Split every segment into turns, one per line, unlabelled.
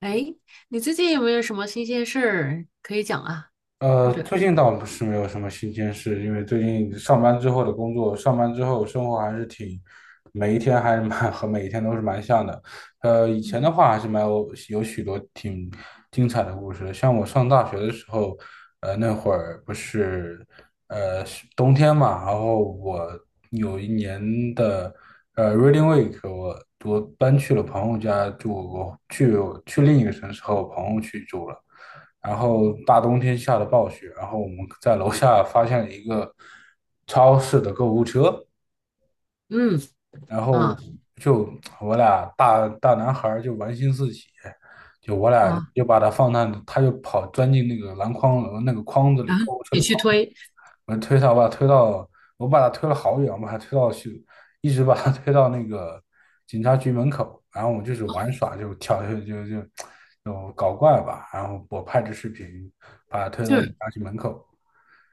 哎，你最近有没有什么新鲜事儿可以讲啊？或者，
最近倒是没有什么新鲜事，因为最近上班之后的工作，上班之后生活还是挺，每一天还是蛮 和每一天都是蛮像的。以
嗯
前的话还是蛮有许多挺精彩的故事的，像我上大学的时候，呃，那会儿不是呃是冬天嘛，然后我有一年的Reading Week，我搬去了朋友家住，去另一个城市和我朋友去住了。然后大冬天下的暴雪，然后我们在楼下发现了一个超市的购物车，
嗯
然
啊
后就我俩大男孩儿就玩心四起，就我俩
啊，
就把它放那，他就跑钻进那个篮筐那个筐子里，
然后
购物车
你
的
去
筐。
推，
我推他，我把他推到，我把他推了好远，我把他推到去，一直把他推到那个警察局门口，然后我就是玩耍，就跳，就搞怪吧，然后我拍着视频把他推
就
到警
是
察局门口。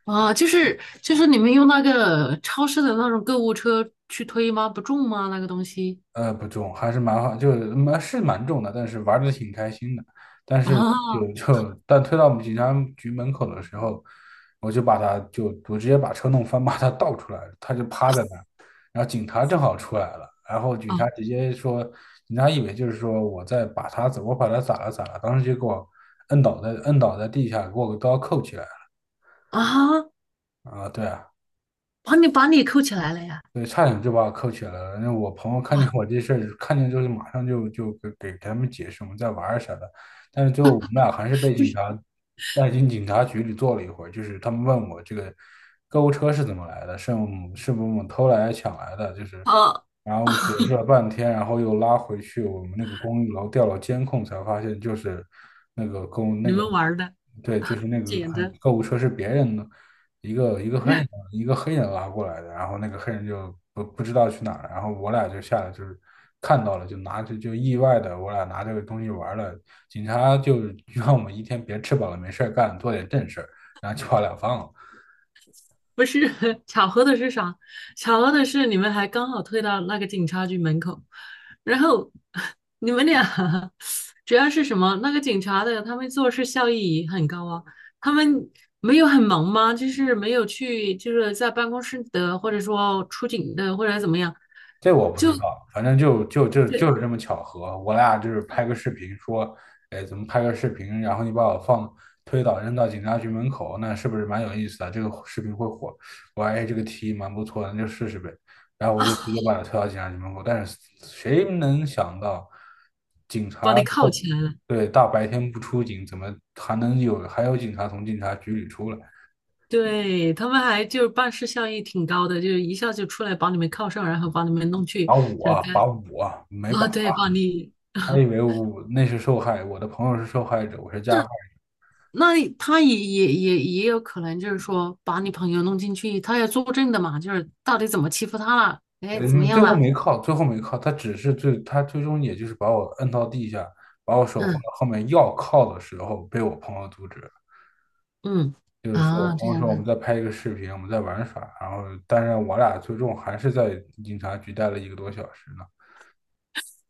就是你们用那个超市的那种购物车去推吗？不重吗？那个东西
不重，还是蛮好，就是蛮重的，但是玩的挺开心的。但是
啊。
但推到我们警察局门口的时候，我就把他就我直接把车弄翻，把他倒出来了，他就趴在那儿，然后警察正好出来了，然后警
啊，
察直接说，警察以为就是说我把他咋了咋了，当时就给我摁倒在地下，给我个刀扣起来
啊，
了啊，对啊。
把你扣起来了呀！
对，差点就把我扣起来了。那我朋友看见
哇
我这事儿，看见之后马上就给他们解释我们在玩儿啥的，但是最后我们俩还是被警察带进警察局里坐了一会儿。就是他们问我这个购物车是怎么来的，是我们是不是我们偷来抢来的，就是
啊，
然后解释了 半天，然后又拉回去我们那个公寓楼调了监控，才发现就是那个公那
你
个，
们玩儿的，
对，就是那个
捡的，
购物车是别人的。一个一个
不是？
黑人一个黑人拉过来的，然后那个黑人就不知道去哪儿，然后我俩就下来就是看到了，就拿着就意外的我俩拿这个东西玩了，警察就 让我们一天别吃饱了没事儿干，做点正事儿，然后就把我俩放了。
不是 巧合的是啥？巧合的是你们还刚好退到那个警察局门口，然后 你们俩 主要是什么？那个警察的他们做事效益很高啊，他们没有很忙吗？就是没有去，就是在办公室的，或者说出警的，或者怎么样？
这我不知道，反正就
对
是这么巧合，我俩就是拍个视频说，哎，怎么拍个视频，然后你把我推倒扔到警察局门口，那是不是蛮有意思的？这个视频会火，我说哎，这个提议蛮不错的，那就试试呗。然后我就直
啊，
接把他推到警察局门口，但是谁能想到，警
把
察
你铐起来了。
对大白天不出警，怎么还有警察从警察局里出来？
对，他们还就是办事效益挺高的，就是一下就出来把你们铐上，然后把你们弄去，
把
就是
我把
该
我没
啊，
把他
对，把你
他以 为我那是受害，我的朋友是受害者，我是加，
那他也有可能就是说把你朋友弄进去，他要作证的嘛，就是到底怎么欺负他了，哎，怎么
嗯，
样了？
最后没靠，他最终也就是把我摁到地下，把我手放
嗯
到后面要靠的时候，被我朋友阻止了。
嗯，
就是说，我
啊，嗯，
朋
这
友说
样
我们
子
在拍一个视频，我们在玩耍，然后当然我俩最终还是在警察局待了一个多小时呢。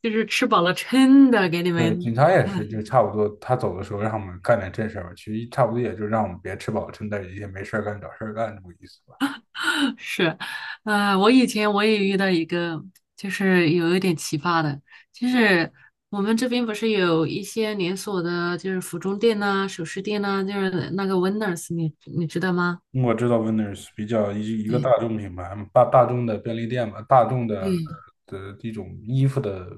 就是吃饱了撑的给你
对，
们。
警察也是，就 差不多他走的时候让我们干点正事儿吧，其实差不多也就让我们别吃饱撑的，也没事儿干找事儿干这么个意思吧。
是，我以前我也遇到一个，就是有一点奇葩的，就是我们这边不是有一些连锁的，就是服装店呐、首饰店呐、就是那个 Winners，你你知道吗？
我知道 Winners 比较一个
对
大众品牌嘛，大众的便利店嘛，大众的
对
一种衣服的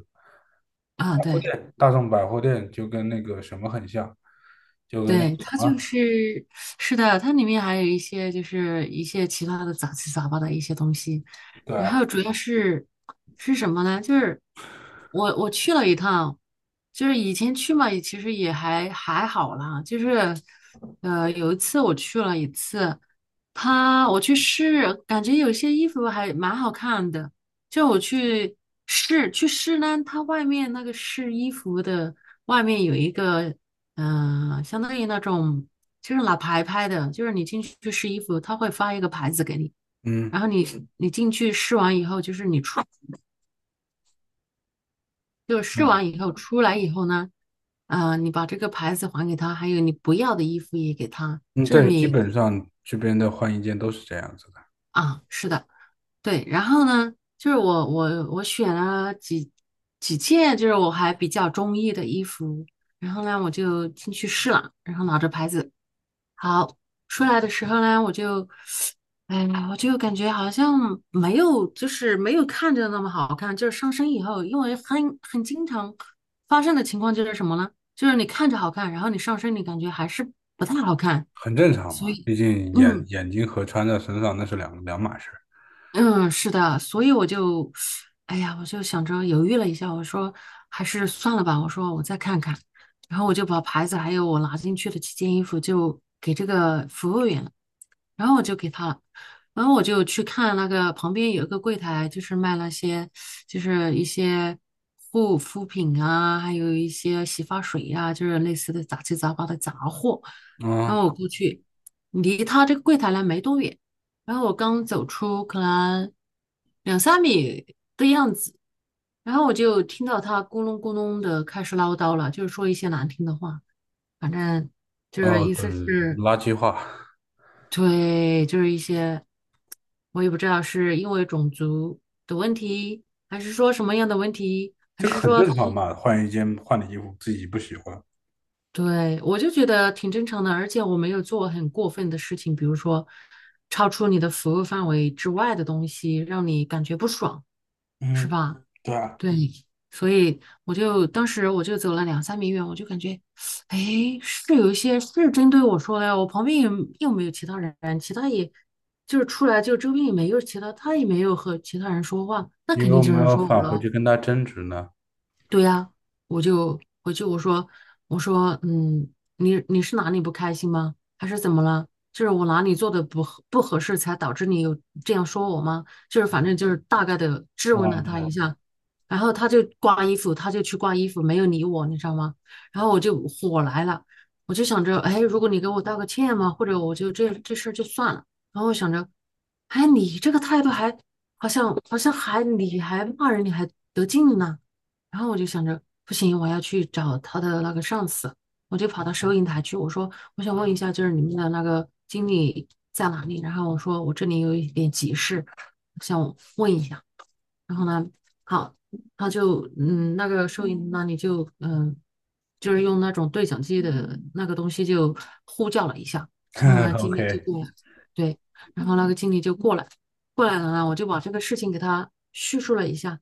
啊，
百货
对，
店，大众百货店就跟那个什么很像，就跟那个
对，
什
它就
么，
是，是的，它里面还有一些就是一些其他的杂七杂八的一些东西，
对
然
啊。
后主要是是什么呢？就是我去了一趟，就是以前去嘛，也其实也还好啦。就是有一次我去了一次，他我去试，感觉有些衣服还蛮好看的。就我去试呢，它外面那个试衣服的外面有一个相当于那种就是拿牌牌的，就是你进去试衣服，他会发一个牌子给你。
嗯
然后你进去试完以后，就是你出，就试
嗯，
完以后出来以后呢，啊、你把这个牌子还给他，还有你不要的衣服也给他，
嗯，
就是
对，基
你
本上这边的换衣间都是这样子的，
啊，是的，对。然后呢，就是我选了几件，就是我还比较中意的衣服，然后呢，我就进去试了，然后拿着牌子，好，出来的时候呢，我就。哎呀，我就感觉好像没有，就是没有看着那么好看。就是上身以后，因为很经常发生的情况就是什么呢？就是你看着好看，然后你上身你感觉还是不太好看。
很正常
所
嘛，
以，
毕竟
嗯
眼睛和穿在身上那是两码事。
嗯，是的，所以我就，哎呀，我就想着犹豫了一下，我说还是算了吧，我说我再看看，然后我就把牌子还有我拿进去的几件衣服就给这个服务员，了。然后我就给他了，然后我就去看那个旁边有一个柜台，就是卖那些就是一些护肤品啊，还有一些洗发水呀、就是类似的杂七杂八的杂货。然
嗯，
后我过去，离他这个柜台呢没多远，然后我刚走出可能两三米的样子，然后我就听到他咕隆咕隆的开始唠叨了，就是说一些难听的话，反正就是
哦，
意
对，
思是。
垃圾话，
对，就是一些我也不知道是因为种族的问题，还是说什么样的问题，还
这个
是
很
说
正
他，
常嘛，换一件换的衣服自己不喜欢，
对，我就觉得挺正常的，而且我没有做很过分的事情，比如说超出你的服务范围之外的东西，让你感觉不爽，是
嗯，
吧？
对啊。
对，所以我就当时我就走了两三米远，我就感觉，哎，是有一些是针对我说的呀，我旁边也又没有其他人，其他也就是出来就周边也没有其他，他也没有和其他人说话，那
因
肯
为
定
我
就
没
是
有
说
返
我
回
了。
去跟他争执呢？
对呀，我就回去我说我说嗯，你是哪里不开心吗？还是怎么了？就是我哪里做的不合适，才导致你有这样说我吗？就是反正就是大概的质问了
啊，
他一下，然后他就挂衣服，他就去挂衣服，没有理我，你知道吗？然后我就火来了，我就想着，哎，如果你给我道个歉嘛，或者我就这事儿就算了。然后我想着，哎，你这个态度还好像还你还骂人，你还得劲呢。然后我就想着，不行，我要去找他的那个上司，我就跑到收银台去，我说我想问一下，就是你们的那个经理在哪里？然后我说我这里有一点急事，想问一下。然后呢，好，他就嗯，那个收银那你就就是用那种对讲机的那个东西就呼叫了一下，然后
对，
呢，经理就
OK，
过来，对，然后那个经理就过来，过来了呢，我就把这个事情给他叙述了一下，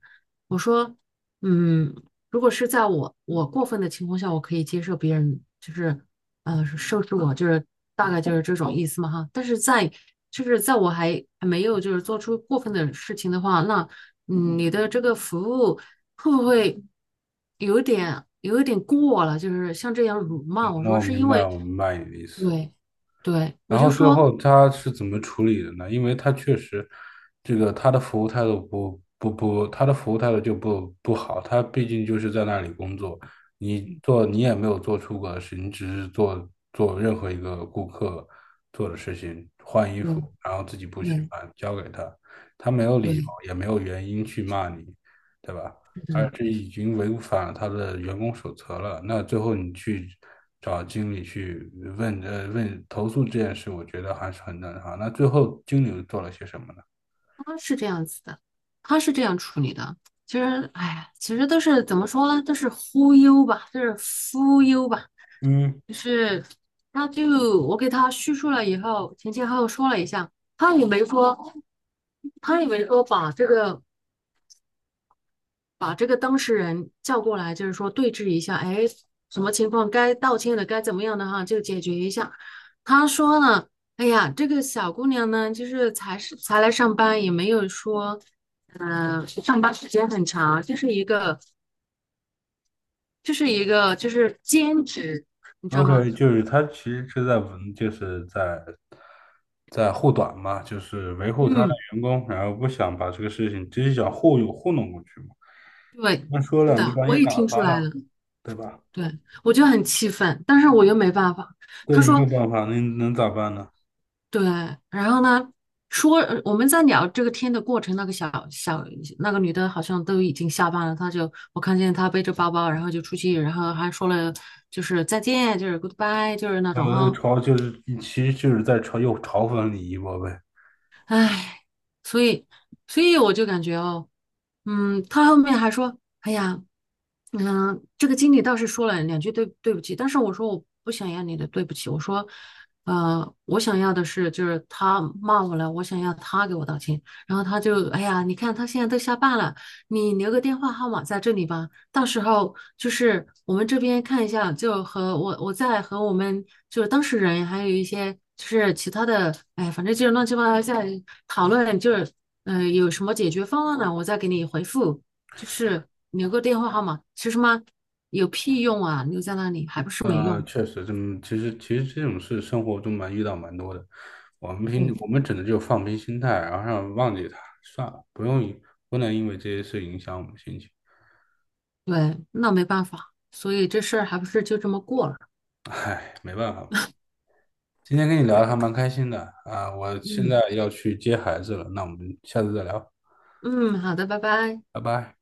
我说，嗯，如果是在我过分的情况下，我可以接受别人就是收拾我，就是大概就是这种意思嘛哈，但是在就是在我还没有就是做出过分的事情的话，那。嗯，你的这个服务会不会有一点过了？就是像这样辱骂，
嗯，
我说是因为
我明白你的意思。
对对，我
然
就
后最
说
后他是怎么处理的呢？因为他确实，这个他的服务态度不，他的服务态度就不好。他毕竟就是在那里工作，你也没有做出格的事，你只是做做任何一个顾客做的事情，换衣
对
服，然后自己不喜
对
欢，交给他，他没有理由
对，
也没有原因去骂你，对吧？
是这
而
样，
这已经违反了他的员工手册了。那最后你去找经理去问投诉这件事，我觉得还是很正常。那最后经理又做了些什么呢？
他是这样子的，他是这样处理的。其实，哎呀，其实都是怎么说呢？都是忽悠吧，就是忽悠吧，
嗯
就是他就我给他叙述了以后，前前后后说了一下，他也没说，他也没说把这个。把这个当事人叫过来，就是说对峙一下，哎，什么情况该道歉的，该怎么样的哈，就解决一下。他说呢，哎呀，这个小姑娘呢，就是才来上班，也没有说，上班时间很长，就是一个就是兼职，你知道吗？
，OK，就是他其实就是在在护短嘛，就是维护他的
嗯，
员工，然后不想把这个事情直接想糊弄过去嘛。
对，
那说
是
两句
的，
把
我
你
也
打
听出
发
来
了，
了，
对吧？
对，我就很气愤，但是我又没办法。
对
他
你没有
说
办法，那你能咋办呢？
对，然后呢，说我们在聊这个天的过程，那个那个女的好像都已经下班了，她就我看见她背着包包，然后就出去，然后还说了就是再见，就是 goodbye，就是那种
呃，
哈。
嘲就是其实就是在嘲讽你一波呗。
唉，所以，所以我就感觉哦，嗯，他后面还说，哎呀，嗯，这个经理倒是说了两句对不起，但是我说我不想要你的对不起，我说，我想要的是就是他骂我了，我想要他给我道歉，然后他就，哎呀，你看他现在都下班了，你留个电话号码在这里吧。到时候就是我们这边看一下，就和我再和我们就是当事人，还有一些就是其他的，哎，反正就是乱七八糟在讨论，就是有什么解决方案呢？我再给你回复，就是留个电话号码，其实嘛有屁用啊，留在那里还不是没用。
确实这么，其实这种事生活中蛮遇到蛮多的。
嗯，
我们只能就放平心态，然后让忘记他，算了，不能因为这些事影响我们心情。
对，那没办法，所以这事儿还不是就这么过了。
唉，没办法嘛。今天跟你聊的还蛮开心的啊，我现
嗯
在要去接孩子了，那我们下次再聊，
嗯，好的，拜拜。
拜拜。